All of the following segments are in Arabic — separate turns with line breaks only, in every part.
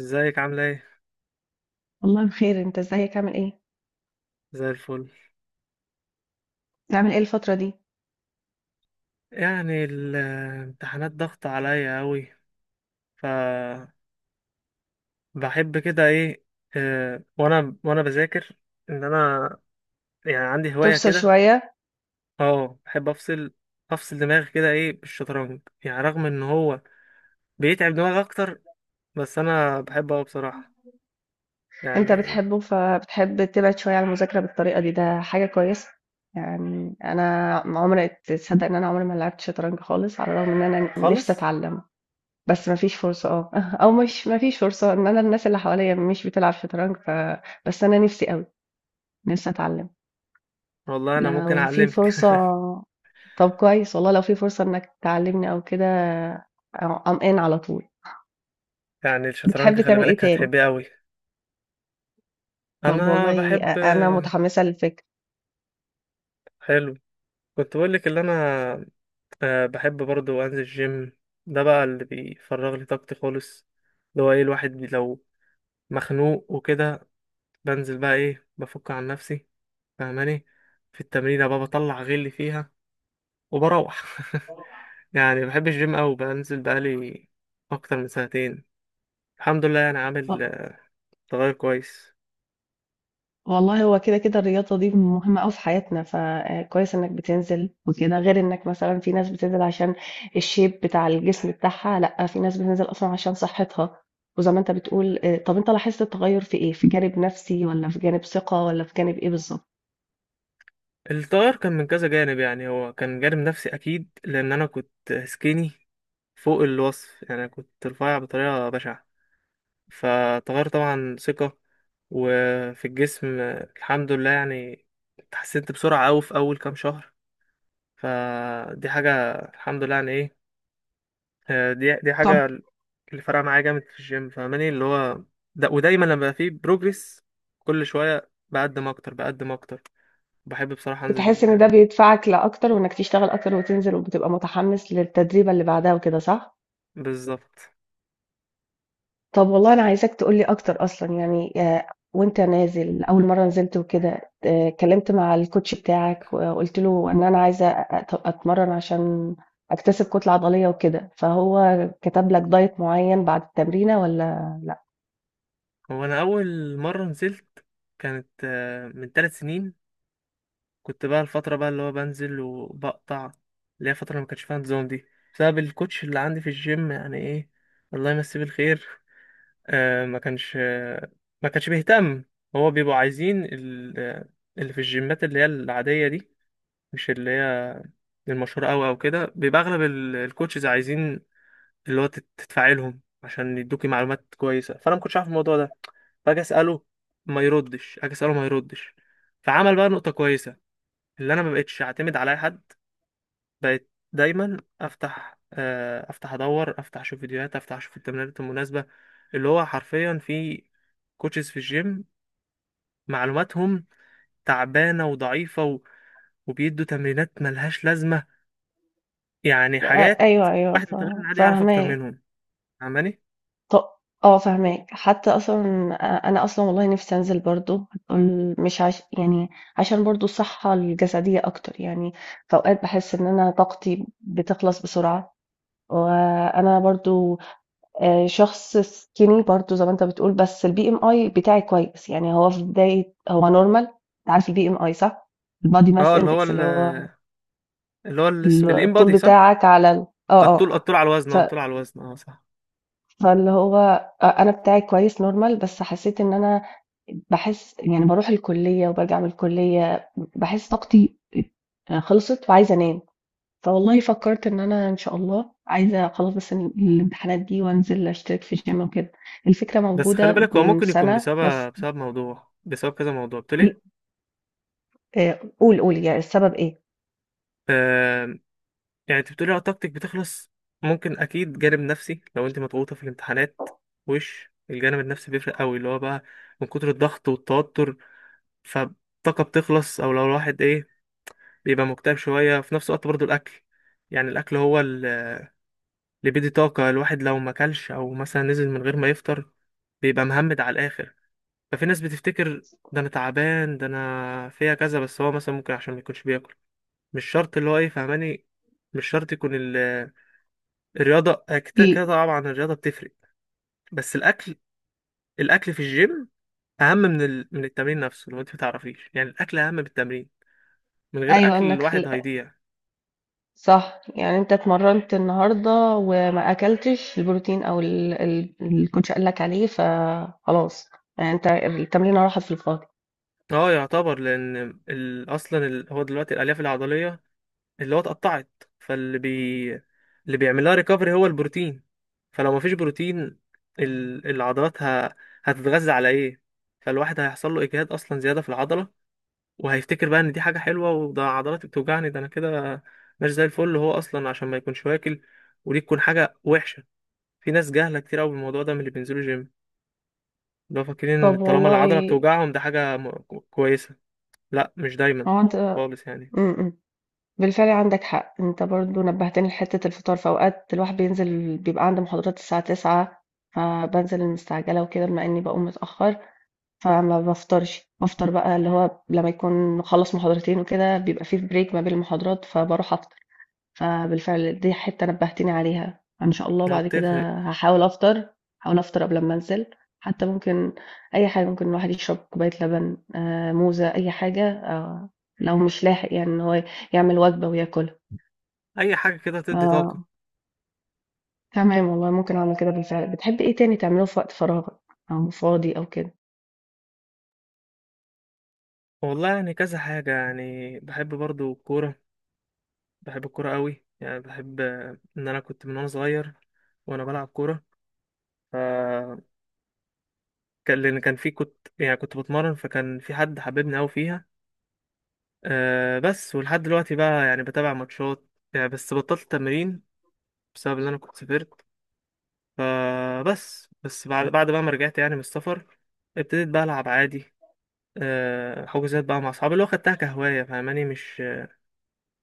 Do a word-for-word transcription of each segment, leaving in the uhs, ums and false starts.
ازيك عاملة ايه؟
والله بخير، انت ازيك، عامل ايه؟
زي الفل.
بتعمل ايه الفترة دي؟
يعني الامتحانات ضغط عليا اوي. ف بحب كده ايه. اه، وانا وانا بذاكر، ان انا يعني عندي هواية
تفصل
كده.
شوية؟
اه، بحب افصل، افصل دماغي كده ايه بالشطرنج. يعني رغم ان هو بيتعب دماغي اكتر، بس انا بحبه اوي بصراحة
انت
يعني.
بتحبه فبتحب تبعد شوية عن المذاكرة بالطريقة دي، ده حاجة كويسة. يعني انا عمري، تصدق ان انا عمري ما لعبت شطرنج خالص؟ على الرغم ان انا نفسي
خالص.
اتعلم، بس مفيش فرصة اه او مش مفيش فرصة، ان انا الناس اللي حواليا مش بتلعب شطرنج ف... بس انا نفسي قوي، نفسي اتعلم
والله انا ممكن
لو في
اعلمك.
فرصة. طب كويس والله، لو في فرصة إنك تعلّمني أو كده أ I'm in على طول.
يعني الشطرنج
بتحب
خلي
تعمل إيه
بالك
تاني؟
هتحبيه اوي.
طب
انا
والله،
بحب.
أ أنا متحمسة للفكرة.
حلو. كنت بقولك اللي انا، أه، بحب برضو انزل الجيم. ده بقى اللي بيفرغ لي طاقتي خالص. اللي هو ايه، الواحد بي- لو مخنوق وكده، بنزل بقى ايه، بفك عن نفسي، فاهماني؟ في التمرين بقى بطلع غلي فيها وبروح. يعني بحب الجيم أوي، بنزل بقالي اكتر من سنتين الحمد لله. يعني عامل
آه.
آه، تغير كويس.
والله هو كده، كده الرياضة دي مهمة أوي في حياتنا، فكويس إنك بتنزل وكده، غير إنك مثلًا في ناس بتنزل عشان الshape بتاع الجسم بتاعها، لأ، في ناس بتنزل أصلًا عشان صحتها، وزي ما أنت بتقول. آآ طب أنت لاحظت التغيُّر في إيه؟ في جانب نفسي، والّا في جانب ثقة، والّا في جانب إيه بالضبط؟
التغير كان من كذا جانب. يعني هو كان جانب نفسي اكيد، لان انا كنت سكيني فوق الوصف، يعني كنت رفيع بطريقة بشعة. فتغير طبعا ثقة، وفي الجسم الحمد لله. يعني اتحسنت بسرعة أوي في أول كام شهر، فدي حاجة الحمد لله يعني إيه. آه، دي دي حاجة
طب
اللي فرقة معايا جامد في الجيم، فاهماني؟ اللي هو ده. ودايما لما بقى فيه بروجرس، كل شوية بقدم أكتر بقدم أكتر، بحب بصراحة
بتحس
أنزل
إن ده
يعني.
بيدفعك لأكتر، وإنك تشتغل أكتر وتنزل وبتبقى متحمس للتدريبة اللي بعدها وكده، صح؟
بالظبط.
طب والله، أنا عايزاك تقولي أكتر أصلا يعني. آه، وأنت نازل، أول مرة نزلت وكده، آه، اتكلمت مع الكوتش بتاعك وقلت له إن أنا عايزة أت- أتمرن عشان أكتسب كتلة عضلية وكده، فهو كتب لك دايت معين بعد التمرينة ولا لأ؟
هو أنا أول مرة نزلت كانت آه، من ثلاث سنين. كنت بقى الفترة بقى اللي هو بنزل وبقطع، اللي هي فترة ما كانش فيها نظام، دي بسبب الكوتش اللي عندي في الجيم يعني ايه، الله يمسيه بالخير. آه ما كانش آه ما كانش بيهتم. هو بيبقوا عايزين ال- آه، اللي في الجيمات اللي هي العادية دي، مش اللي هي المشهورة أوي أو كده، بيبقى أغلب ال- الكوتشز عايزين اللي هو تت- تدفعي لهم عشان يدوكي معلومات كويسة. فأنا ما كنتش عارف الموضوع ده، فأجي أسأله ما يردش، أجي أسأله ما يردش. فعمل بقى نقطة كويسة، اللي أنا ما بقتش أعتمد على أي حد. بقيت دايما افتح آه، افتح ادور، افتح اشوف فيديوهات، افتح اشوف التمرينات المناسبه. اللي هو حرفيا في كوتشز في الجيم معلوماتهم تعبانه وضعيفه و... وبيدوا تمرينات ملهاش لازمه. يعني
آه،
حاجات
أيوه أيوه
واحد
ف-
متمرن عادي يعرف اكتر
فاهماك.
منهم، فاهماني؟
ط آه، فاهماك. حتى أصلًا أ أنا أصلًا والله نِفْسي أنزل برضه، هتقول مش عش يعني عشان برضه الصحّة الجسدية أكتر، يعني في أوقات باحس إن أنا طاقتي بتخلص بسرعة، وأنا برضه آآ شخص skinny برضه زي ما أنت بتقول، بس الBMI بتاعي كويس، يعني هو في بداية، هو normal. أنت عارف الBMI صح؟ الbody
اه،
mass
اللي هو
index،
ال...
اللي هو
اللي هو ال...
ال
الام
الطول
بادي صح.
بتاعك على ال آه، آه.
الطول، الطول على الوزن،
ف
اه، الطول على الوزن، اه صح.
فاللي هو أ أنا بتاعي كويس normal، بس حسيت إن أنا باحس، يعني باروح الكلية وبارجع من الكلية باحس طاقتي آه، خلصت وعايزة أنام، فوالله فكرت إن أنا إن شاء الله عايزة، خلاص بس ال الامتحانات دي وأنزل أشترك في gym وكده، الفكرة
بس خلي
موجودة
بالك هو
من
ممكن يكون
سنة بس.
بسبب بسبب موضوع، بسبب كذا موضوع. قلت ليه؟
آآ قُل، قُل، يعني السبب إيه؟
آه، يعني انت بتقولي اه طاقتك بتخلص. ممكن اكيد جانب نفسي، لو انت مضغوطه في الامتحانات، وش الجانب النفسي بيفرق قوي. اللي هو بقى من كتر الضغط والتوتر فالطاقه بتخلص. او لو الواحد ايه بيبقى مكتئب شويه، في نفس الوقت برضو الاكل، يعني الاكل هو ال- اللي بيدي طاقه الواحد. لو ما اكلش او مثلا نزل من غير ما يفطر، بيبقى مهمد على الاخر. ففي ناس بتفتكر ده انا تعبان، ده انا فيها كذا، بس هو مثلا ممكن عشان ما يكونش بياكل. مش شرط اللي هو ايه، فاهماني؟ مش شرط يكون الرياضة. آه، كده كده
إيه؟
طبعا الرياضة بتفرق، بس الأكل. الأكل في الجيم أهم من ال... من التمرين نفسه. لو أنت متعرفيش، يعني الأكل أهم من التمرين، من غير
أيوه،
أكل
إنك
الواحد هيضيع.
صح، يعني أنت اتمرّنت النهارده وما أكلتش البروتين أو ال ال الcoach قال لك عليه، فخلاص، يعني أنت التمرينة راحت في الفاضي.
اه يعتبر، لأن ال... أصلا ال... هو دلوقتي الألياف العضلية اللي هو اتقطعت، فاللي بي... اللي بيعملها ريكفري هو البروتين. فلو مفيش بروتين، ال... العضلات ه... هتتغذى على إيه؟ فالواحد هيحصل له إجهاد أصلا، زيادة في العضلة، وهيفتكر بقى ان دي حاجه حلوه، وده عضلاتي بتوجعني ده انا كده مش زي الفل. هو اصلا عشان ما يكونش واكل، ودي تكون حاجه وحشه. في ناس جاهله كتير قوي بالموضوع ده من اللي بينزلوا جيم، اللي هو فاكرين ان
طب
طالما العضله
والله،
بتوجعهم ده حاجه م- كويسه. لا، مش دايما
هو أنت
خالص يعني.
إمم، إمم، بالفعل عندك حق، أنت برضه نبّهتني لحتّة الفطار، في أوقات الواحد بينزل بيبقى عنده محاضرات الساعة تسعة، فبانزل المستعجلة وكده بما إني باقوم متأخّر، فما بافطرش، بافطر بقى اللي هو لمّا يكون مخلّص محاضرتين وكده، بيبقى في break ما بين المحاضرات فباروح أفطر. فبالفعل دي حتة نبهتيني عليها، إن شاء الله
هو
بعد كده
بتفرق،
هاحاول أفطر، هاحاول أفطر قبل أمّا أنزل، حتى ممكن أي حاجة، ممكن الواحد يشرب كوباية لبن، آآ، موزة، أي حاجة، آآ، لو مش لاحق يعني إن هو يعمل وجبة وياكلها.
اي حاجه كده تدي طاقه.
آه، تمام والله، ممكن أعمل كده بالفعل. بتحبي إيه تاني تعمليه في وقت فراغك، أو فاضي أو كده؟
والله يعني كذا حاجه. يعني بحب برضو الكوره، بحب الكوره قوي. يعني بحب آه، ان انا كنت من وانا صغير وانا بلعب كوره. كان لان كان في، كنت يعني كنت بتمرن، فكان في حد حببني قوي فيها. أه بس ولحد دلوقتي بقى يعني بتابع ماتشات، يعني بس بطلت التمرين بسبب ان انا كنت سافرت. فبس، بس بعد بعد بقى ما رجعت يعني من السفر، ابتديت بقى العب عادي. أه، حجوزات بقى مع اصحابي، اللي هو خدتها كهوايه، فاهماني؟ مش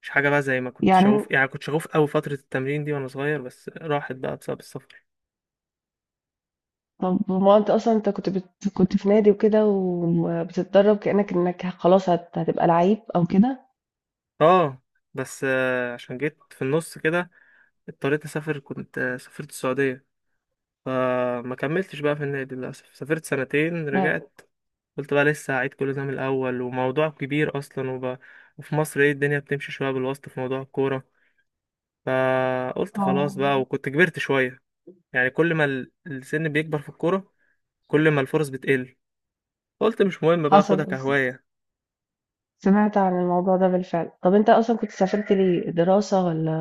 مش حاجه بقى زي ما كنت
يعني
شغوف. يعني كنت شغوف قوي فتره التمرين دي وانا صغير، بس راحت بقى بسبب السفر.
طَب هو أنت أصلًا أنت كنت بت كنت في نادي وكده وبتتدرّب، كإنّك إنّك خلاص هت هتبقى لعيب أو كده؟
اه، بس أه عشان جيت في النص كده اضطريت اسافر. كنت آه، سافرت السعوديه، فما كملتش بقى في النادي للأسف. سافرت سنتين رجعت، قلت بقى لسه هعيد كل ده من الأول، وموضوع كبير أصلا وب... وفي مصر ايه الدنيا بتمشي شوية بالواسطة في موضوع الكورة. فقلت خلاص
آه،
بقى، وكنت كبرت شوية. يعني كل ما ال- السن بيكبر في الكورة، كل ما الفرص بتقل. قلت مش مهم بقى، أخدها
حصل.
كهواية.
سمعت عن الموضوع ده بالفعل. طب أنت أصلًا كنت سافرت ليه، دراسة والّا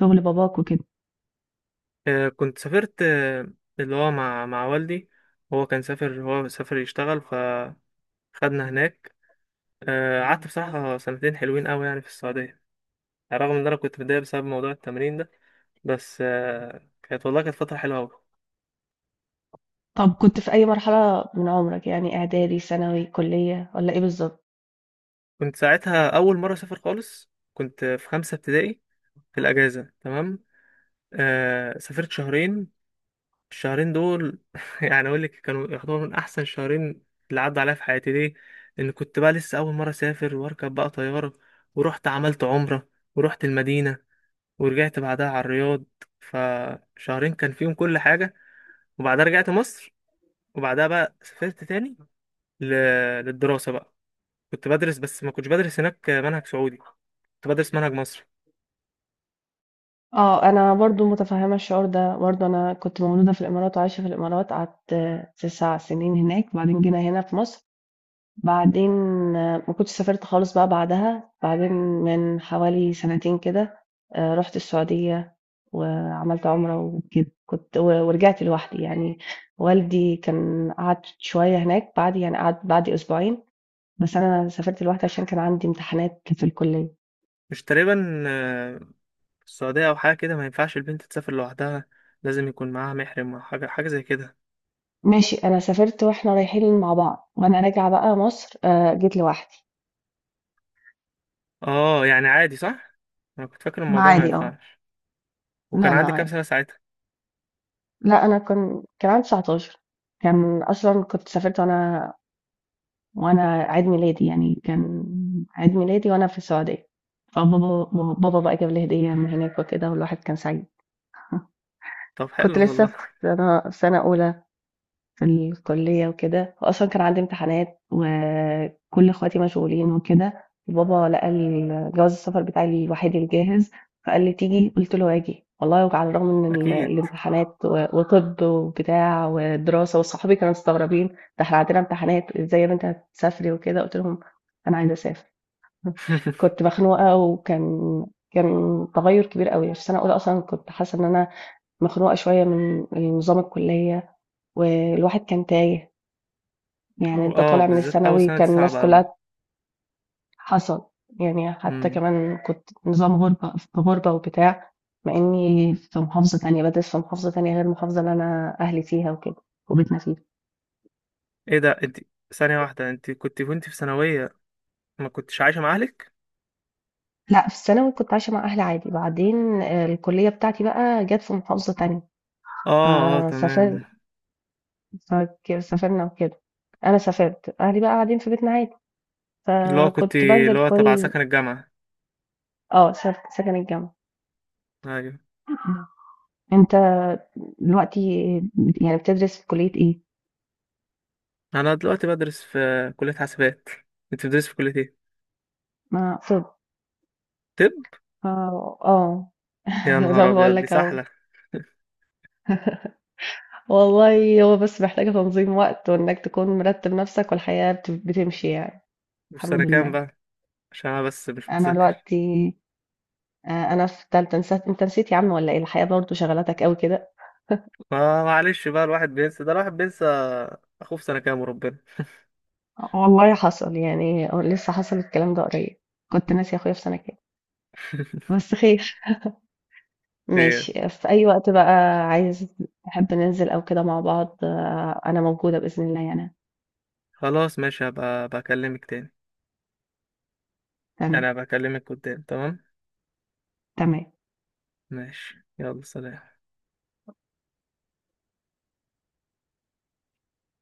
شغل باباك وكده؟
آه، كنت سافرت آه، اللي هو مع مع والدي. هو كان سافر، هو سافر يشتغل فخدنا هناك. آه، قعدت بصراحة سنتين حلوين قوي يعني في السعودية، رغم ان انا كنت متضايق بسبب موضوع التمرين ده. بس آه، كانت والله كانت فتره حلوه قوي.
طب كنت في أي مرحلة من عمرك، يعني إعدادي، ثانوي، كلية، والّا إيه بالضبط؟
كنت ساعتها اول مره اسافر خالص، كنت في خمسة ابتدائي، في الاجازه تمام. آه سافرت شهرين. الشهرين دول يعني اقول لك كانوا يعتبروا من احسن شهرين اللي عدوا عليا في حياتي. ليه؟ ان كنت بقى لسه اول مره اسافر واركب بقى طياره، ورحت عملت عمره، ورحت المدينه، ورجعت بعدها على الرياض. فشهرين كان فيهم كل حاجه. وبعدها رجعت مصر، وبعدها بقى سافرت تاني ل- للدراسة بقى. كنت بدرس، بس ما كنتش بدرس هناك منهج سعودي، كنت بدرس منهج مصري.
آه، أنا برضه متفهمة الشعور ده، برضه أنا كنت مولودة في الإمارات وعايشة في الإمارات، قعدت 9 سنين هناك، وبعدين جينا هنا في مصر. بعدين آه، ما كنتش سافرت خالص بقى بعدها، بعدين من حوالي سنتين كده آه، رحت السعودية وعملت عمرة وكده، كنت و- ورجعت لوحدي يعني، والدي كان قعد شوية هناك بعد، يعني قعد بعد أسبوعين، بس أنا سافرت لوحدي عشان كان عندي امتحانات في الكلية.
مش تقريبا آه، في السعودية أو حاجة كده ما ينفعش البنت تسافر لوحدها؟ لازم يكون معاها محرم أو حاجة، حاجة زي كده.
ماشي، أنا سافرت وإحنا رايحين مع بعض، وأنا راجعة بقى مصر آه، جيت لوحدي.
اه، يعني عادي صح؟ أنا كنت فاكر
ما
الموضوع ما
عادي اه.
ينفعش. وكان
لا لا
عندي كام
عادي.
سنة ساعتها؟
لا، أنا كان كان عندي تسعتاشر، كان أصلا كنت سافرت، وأنا وأنا عيد ميلادي، يعني كان عيد ميلادي وأنا في السعودية. فبابا بابا بقى جاب لي هدية من هناك وكده، والواحد كان سعيد.
طب
كنت
حلو
لسه
والله.
في سنة في سنة أولى في الكلية وكده، وأصلًا كان عندي امتحانات، وكل اخواتي مشغولين وكده، وبابا لقى ال جواز السفر بتاعي الوحيد الجاهز، فقال لي: "تيجي؟" قُلت له: "هاجي." والله، وعلى الرغم من ال
أكيد.
الامتحانات و وطِب وبتاع ودراسة، وصحابي كانوا مستغربين: "ده إحنا عندنا امتحانات، إزاي يا بنتي هتسافري وكده؟" قُلت لهم: "أنا عايزة أسافر." كنت مخنوقة، وكان كان تغيُّر كبير أوي، في سَنة أولى أصلًا كنت حاسة إن أنا مخنوقة شوية من نظام الكلية، والواحد كان تايه، يعني انت
اه
طالع من
بالذات أول
الثانوي
سنة دي
كان الناس
صعبة أوي.
كلها. حصل. يعني حتى
مم.
كمان كنت نظام غربة في غربة وبتاع، مع اني في محافظة تانية بدرس، في محافظة تانية غير المحافظة اللي انا اهلي فيها وكده وبيتنا فيها.
ايه ده انت، ثانية واحدة، انت كنت وانت في ثانوية ما كنتش عايشة مع أهلك؟
لا، في الثانوي كنت عايشة مع اهلي عادي، بعدين آه، الكلية بتاعتي بقى جت في محافظة تانية،
اه اه
فسافرت،
تمام.
سافرنا وكده. انا سافرت، اهلي بقى قاعدين في بيتنا عادي،
اللي هو كنت
فكنت
اللي
بنزل
هو تبع
كل
سكن الجامعة.
آه، سك سكن الجامعة.
أيوة.
أنت دلوقتي يعني بتدرس في كلية إيه؟
أنا دلوقتي بدرس في كلية حاسبات. أنت بتدرس في كلية إيه؟
ما طب
طب،
آه، آه،
يا
زي
نهار
ما باقول
أبيض دي
لك أهو.
سحلة.
والله، هو بس محتاجة تنظيم وقت وإنك تكون مرتب نفسك، والحياة بت- بتمشي يعني.
وفي سنة
الحمد
كام
لله.
بقى؟ عشان أنا بس مش
أنا
متذكر.
دلوقتي آه، أنا في تالتة. نسيت؟ أنت نسيت يا عم ولا إيه؟ الحياة برضه شغلتك أوي كده.
ما معلش بقى الواحد بينسى، ده الواحد بينسى أخوه في سنة كام وربنا.
والله حصل، يعني لسه حصل الكلام ده قريب. كنت ناسي أخويا في سنة كام. بس خير.
خير.
ماشي، في أي وقت بقى عايز، تحب ننزل أو كده مع بعض، آه، أنا موجودة بإذن الله يعني.
خلاص ماشي، هبقى بكلمك تاني.
تمام.
أنا بكلمك قدام، تمام؟
تمام.
ماشي يلا سلام.